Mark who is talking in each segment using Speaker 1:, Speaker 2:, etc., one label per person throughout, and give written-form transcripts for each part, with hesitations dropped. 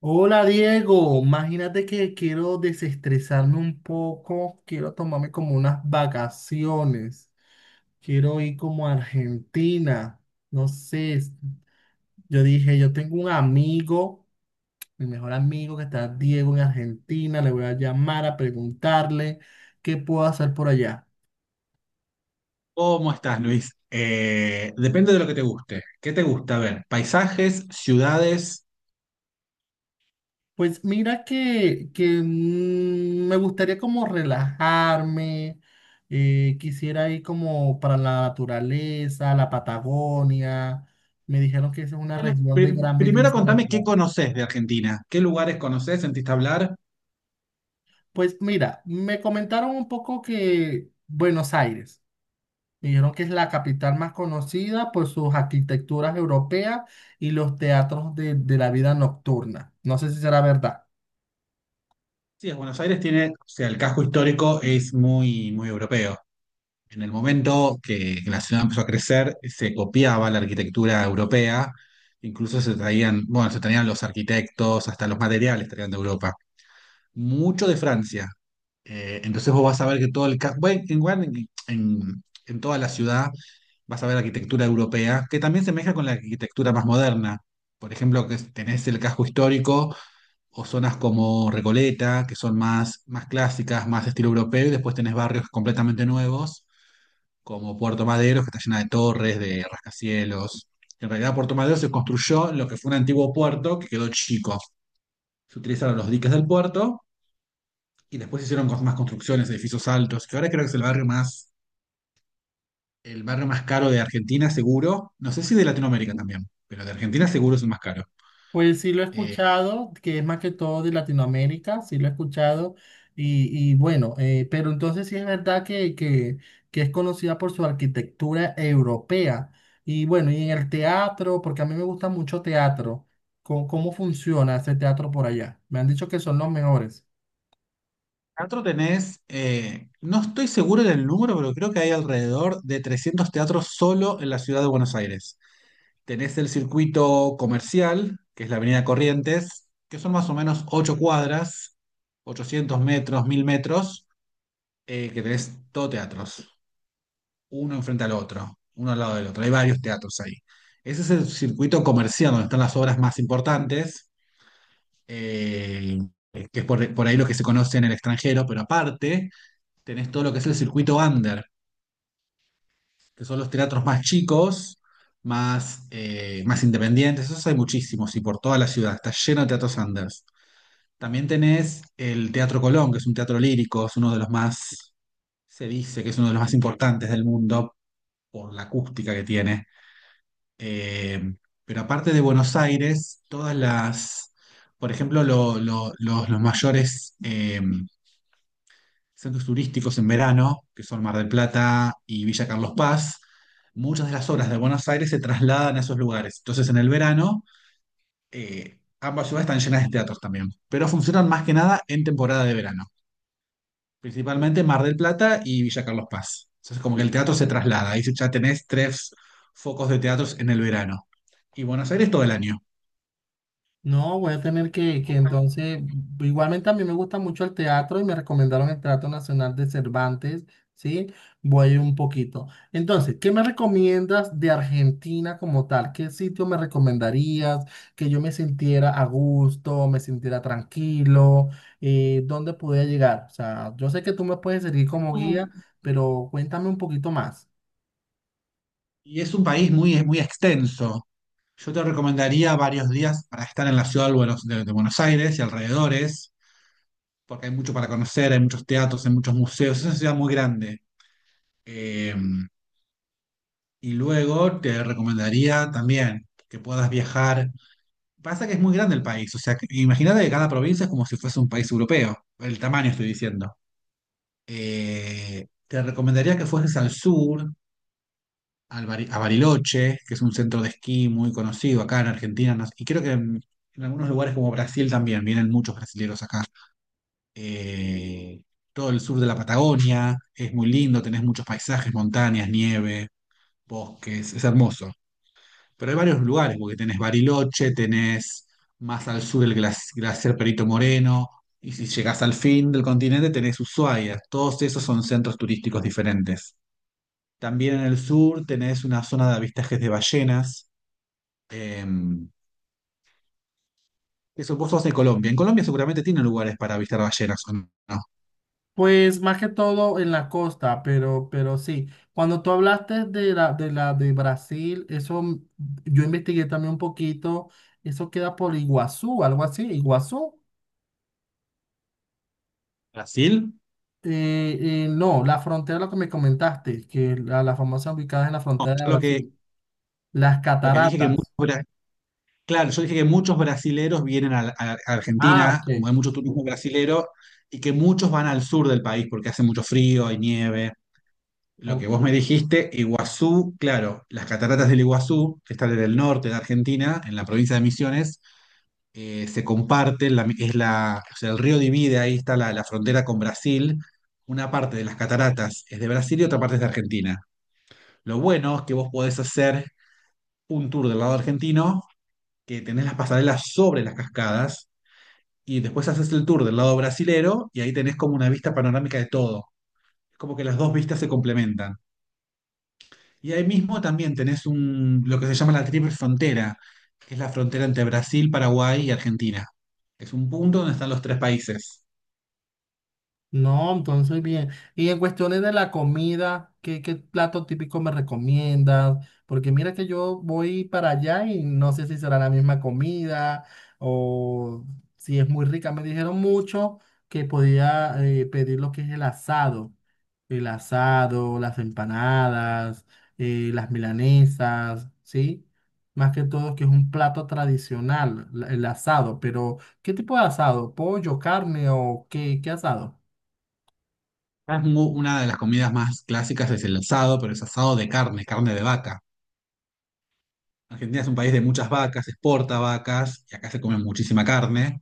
Speaker 1: Hola, Diego, imagínate que quiero desestresarme un poco, quiero tomarme como unas vacaciones, quiero ir como a Argentina, no sé, yo dije, yo tengo un amigo, mi mejor amigo que está Diego en Argentina, le voy a llamar a preguntarle qué puedo hacer por allá.
Speaker 2: ¿Cómo estás, Luis? Depende de lo que te guste. ¿Qué te gusta? A ver, paisajes, ciudades.
Speaker 1: Pues mira que me gustaría como relajarme, quisiera ir como para la naturaleza, la Patagonia. Me dijeron que esa es una
Speaker 2: Bueno,
Speaker 1: región de gran
Speaker 2: primero
Speaker 1: belleza
Speaker 2: contame qué
Speaker 1: natural.
Speaker 2: conoces de Argentina. ¿Qué lugares conoces? ¿Sentiste hablar?
Speaker 1: Pues mira, me comentaron un poco que Buenos Aires, me dijeron que es la capital más conocida por sus arquitecturas europeas y los teatros de la vida nocturna. No sé si será verdad.
Speaker 2: Sí, es Buenos Aires tiene, o sea, el casco histórico es muy, muy europeo. En el momento que la ciudad empezó a crecer, se copiaba la arquitectura europea. Incluso se traían los arquitectos, hasta los materiales traían de Europa, mucho de Francia. Entonces vos vas a ver que bueno, en toda la ciudad vas a ver arquitectura europea, que también se mezcla con la arquitectura más moderna. Por ejemplo, que tenés el casco histórico o zonas como Recoleta, que son más clásicas, más estilo europeo, y después tenés barrios completamente nuevos, como Puerto Madero, que está llena de torres, de rascacielos. En realidad, Puerto Madero se construyó en lo que fue un antiguo puerto que quedó chico. Se utilizaron los diques del puerto y después hicieron más construcciones, edificios altos, que ahora creo que es el barrio más caro de Argentina, seguro. No sé si de Latinoamérica también, pero de Argentina seguro es el más caro.
Speaker 1: Pues sí lo he
Speaker 2: Eh,
Speaker 1: escuchado, que es más que todo de Latinoamérica, sí lo he escuchado. Y, y bueno, pero entonces sí es verdad que es conocida por su arquitectura europea. Y bueno, y en el teatro, porque a mí me gusta mucho teatro, cómo funciona ese teatro por allá? Me han dicho que son los mejores.
Speaker 2: Teatro tenés, no estoy seguro del número, pero creo que hay alrededor de 300 teatros solo en la ciudad de Buenos Aires. Tenés el circuito comercial, que es la Avenida Corrientes, que son más o menos 8 cuadras, 800 metros, 1000 metros, que tenés todo teatros. Uno enfrente al otro, uno al lado del otro. Hay varios teatros ahí. Ese es el circuito comercial donde están las obras más importantes, eh, que es por ahí lo que se conoce en el extranjero, pero aparte tenés todo lo que es el circuito under, que son los teatros más chicos, más, más independientes. Esos hay muchísimos y por toda la ciudad. Está lleno de teatros unders. También tenés el Teatro Colón, que es un teatro lírico, es uno de los más, se dice que es uno de los más importantes del mundo por la acústica que tiene. Eh, pero aparte de Buenos Aires, todas las, por ejemplo, los mayores centros turísticos en verano, que son Mar del Plata y Villa Carlos Paz, muchas de las obras de Buenos Aires se trasladan a esos lugares. Entonces, en el verano, ambas ciudades están llenas de teatros también, pero funcionan más que nada en temporada de verano, principalmente Mar del Plata y Villa Carlos Paz. Entonces, como que el teatro se traslada, ahí ya tenés tres focos de teatros en el verano. Y Buenos Aires todo el año.
Speaker 1: No, voy a tener que entonces, igualmente a mí me gusta mucho el teatro y me recomendaron el Teatro Nacional de Cervantes, ¿sí? Voy un poquito. Entonces, ¿qué me recomiendas de Argentina como tal? ¿Qué sitio me recomendarías que yo me sintiera a gusto, me sintiera tranquilo? ¿Dónde pudiera llegar? O sea, yo sé que tú me puedes servir como guía,
Speaker 2: Mm,
Speaker 1: pero cuéntame un poquito más.
Speaker 2: Y es un país muy, muy extenso. Yo te recomendaría varios días para estar en la ciudad de Buenos Aires y alrededores, porque hay mucho para conocer, hay muchos teatros, hay muchos museos, es una ciudad muy grande. Eh, y luego te recomendaría también que puedas viajar. Pasa que es muy grande el país, o sea, imagínate que cada provincia es como si fuese un país europeo, el tamaño estoy diciendo. Te recomendaría que fueses al sur, a Bariloche, que es un centro de esquí muy conocido acá en Argentina, y creo que en algunos lugares como Brasil también, vienen muchos brasileros acá. Eh, Todo el sur de la Patagonia es muy lindo, tenés muchos paisajes, montañas, nieve, bosques, es hermoso. Pero hay varios lugares, porque tenés Bariloche, tenés más al sur el glaciar Perito Moreno, y si llegás al fin del continente tenés Ushuaia, todos esos son centros turísticos diferentes. También en el sur tenés una zona de avistajes de ballenas, eh, eso, vos sos de Colombia. En Colombia seguramente tienen lugares para avistar ballenas, ¿o no?
Speaker 1: Pues más que todo en la costa, pero sí. Cuando tú hablaste de la de Brasil, eso, mm, yo investigué también un poquito. Eso queda por Iguazú, algo así. Iguazú.
Speaker 2: ¿Brasil?
Speaker 1: No, la frontera, lo que me comentaste, que la famosa ubicada en la
Speaker 2: Yo
Speaker 1: frontera de Brasil. Las
Speaker 2: lo que dije
Speaker 1: cataratas.
Speaker 2: Claro, yo dije que muchos brasileros vienen a
Speaker 1: Ah,
Speaker 2: Argentina,
Speaker 1: ok,
Speaker 2: hay mucho turismo
Speaker 1: disculpa.
Speaker 2: brasilero, y que muchos van al sur del país porque hace mucho frío, hay nieve. Lo que vos me
Speaker 1: Ok.
Speaker 2: dijiste, Iguazú, claro, las cataratas del Iguazú, que están en el norte de Argentina, en la provincia de Misiones, se comparten, es la, o sea, el río divide, ahí está la frontera con Brasil, una parte de las cataratas es de Brasil y otra parte es de Argentina. Lo bueno es que vos podés hacer un tour del lado argentino, que tenés las pasarelas sobre las cascadas, y después haces el tour del lado brasilero y ahí tenés como una vista panorámica de todo. Es como que las dos vistas se complementan. Y ahí mismo también tenés un, lo que se llama la triple frontera, que es la frontera entre Brasil, Paraguay y Argentina. Es un punto donde están los tres países.
Speaker 1: No, entonces bien. Y en cuestiones de la comida, qué plato típico me recomiendas? Porque mira que yo voy para allá y no sé si será la misma comida o si es muy rica. Me dijeron mucho que podía, pedir lo que es el asado. El asado, las empanadas, las milanesas, ¿sí? Más que todo que es un plato tradicional, el asado. Pero, ¿qué tipo de asado? ¿Pollo, carne o qué asado?
Speaker 2: Una de las comidas más clásicas es el asado, pero es asado de carne, carne de vaca. Argentina es un país de muchas vacas, exporta vacas y acá se come muchísima carne.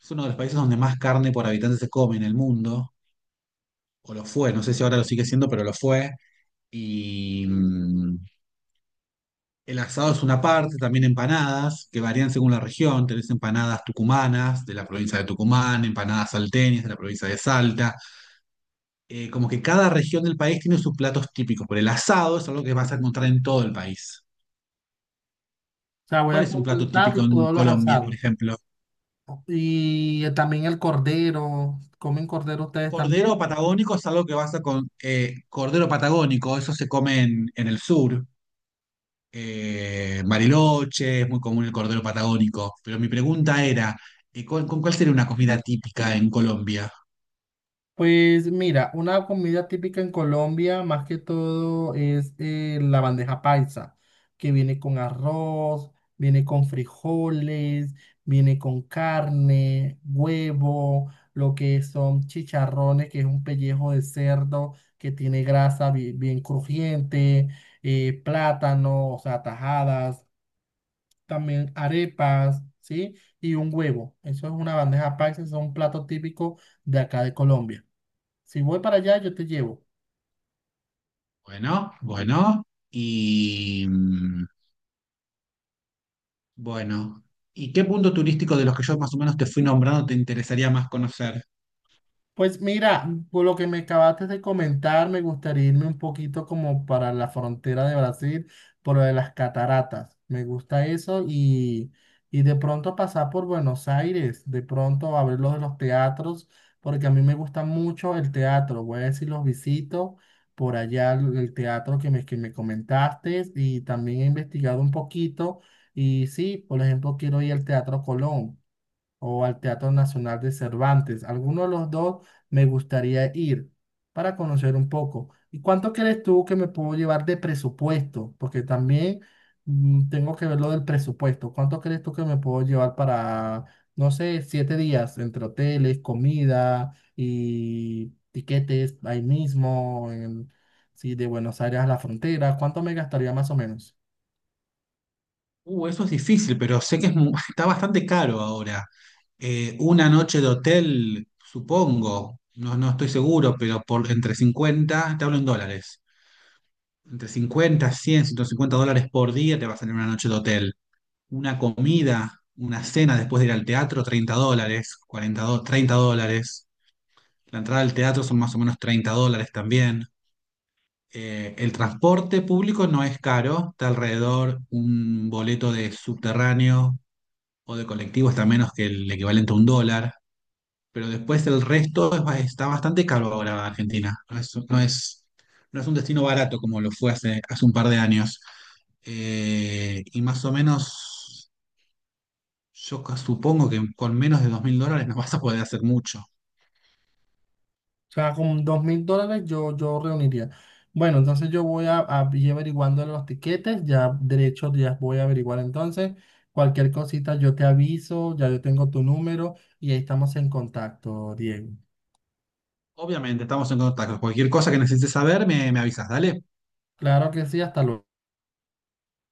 Speaker 2: Es uno de los países donde más carne por habitante se come en el mundo, o lo fue, no sé si ahora lo sigue siendo, pero lo fue. Y el asado es una parte, también empanadas, que varían según la región. Tenés empanadas tucumanas de la provincia de Tucumán, empanadas salteñas de la provincia de Salta. Como que cada región del país tiene sus platos típicos, pero el asado es algo que vas a encontrar en todo el país.
Speaker 1: O sea, voy
Speaker 2: ¿Cuál
Speaker 1: a
Speaker 2: es un plato
Speaker 1: completar
Speaker 2: típico en
Speaker 1: todos los
Speaker 2: Colombia, por
Speaker 1: asados.
Speaker 2: ejemplo?
Speaker 1: Y también el cordero. ¿Comen cordero ustedes
Speaker 2: Cordero
Speaker 1: también?
Speaker 2: patagónico es algo que vas a con cordero patagónico, eso se come en el sur. Bariloche, es muy común el cordero patagónico. Pero mi pregunta era, ¿con cuál sería una comida típica en Colombia?
Speaker 1: Pues mira, una comida típica en Colombia, más que todo, es, la bandeja paisa, que viene con arroz, viene con frijoles, viene con carne, huevo, lo que son chicharrones, que es un pellejo de cerdo que tiene grasa bien crujiente, plátano, o sea, tajadas. También arepas, ¿sí? Y un huevo. Eso es una bandeja paisa, eso es un plato típico de acá de Colombia. Si voy para allá, yo te llevo.
Speaker 2: Bueno, bueno, y bueno. ¿Y qué punto turístico de los que yo más o menos te fui nombrando te interesaría más conocer?
Speaker 1: Pues mira, por lo que me acabaste de comentar, me gustaría irme un poquito como para la frontera de Brasil, por lo de las cataratas. Me gusta eso y de pronto pasar por Buenos Aires, de pronto a ver lo de los teatros, porque a mí me gusta mucho el teatro. Voy a decir, los visito por allá, el teatro que me comentaste y también he investigado un poquito y sí, por ejemplo, quiero ir al Teatro Colón o al Teatro Nacional de Cervantes. Alguno de los dos me gustaría ir para conocer un poco. ¿Y cuánto crees tú que me puedo llevar de presupuesto? Porque también, mm, tengo que ver lo del presupuesto. ¿Cuánto crees tú que me puedo llevar para, no sé, 7 días entre hoteles, comida y tiquetes ahí mismo, sí, de Buenos Aires a la frontera? ¿Cuánto me gastaría más o menos?
Speaker 2: Eso es difícil, pero sé que es está bastante caro ahora. Una noche de hotel, supongo, no, no estoy seguro, pero por entre 50 te hablo en dólares, entre 50, 100, 150 dólares por día te va a salir una noche de hotel. Una comida, una cena después de ir al teatro, 30 dólares, 30 dólares. La entrada al teatro son más o menos 30 dólares también. El transporte público no es caro, está alrededor un boleto de subterráneo o de colectivo está menos que el equivalente a 1 dólar, pero después el resto es está bastante caro ahora Argentina. No es un destino barato como lo fue hace un par de años. Y más o menos, supongo que con menos de 2000 dólares no vas a poder hacer mucho.
Speaker 1: O sea, con $2,000 yo, yo reuniría. Bueno, entonces yo voy a ir averiguando los tiquetes, ya derechos ya voy a averiguar entonces. Cualquier cosita yo te aviso, ya yo tengo tu número y ahí estamos en contacto, Diego.
Speaker 2: Obviamente, estamos en contacto. Cualquier cosa que necesites saber, me avisas, dale.
Speaker 1: Claro que sí, hasta luego.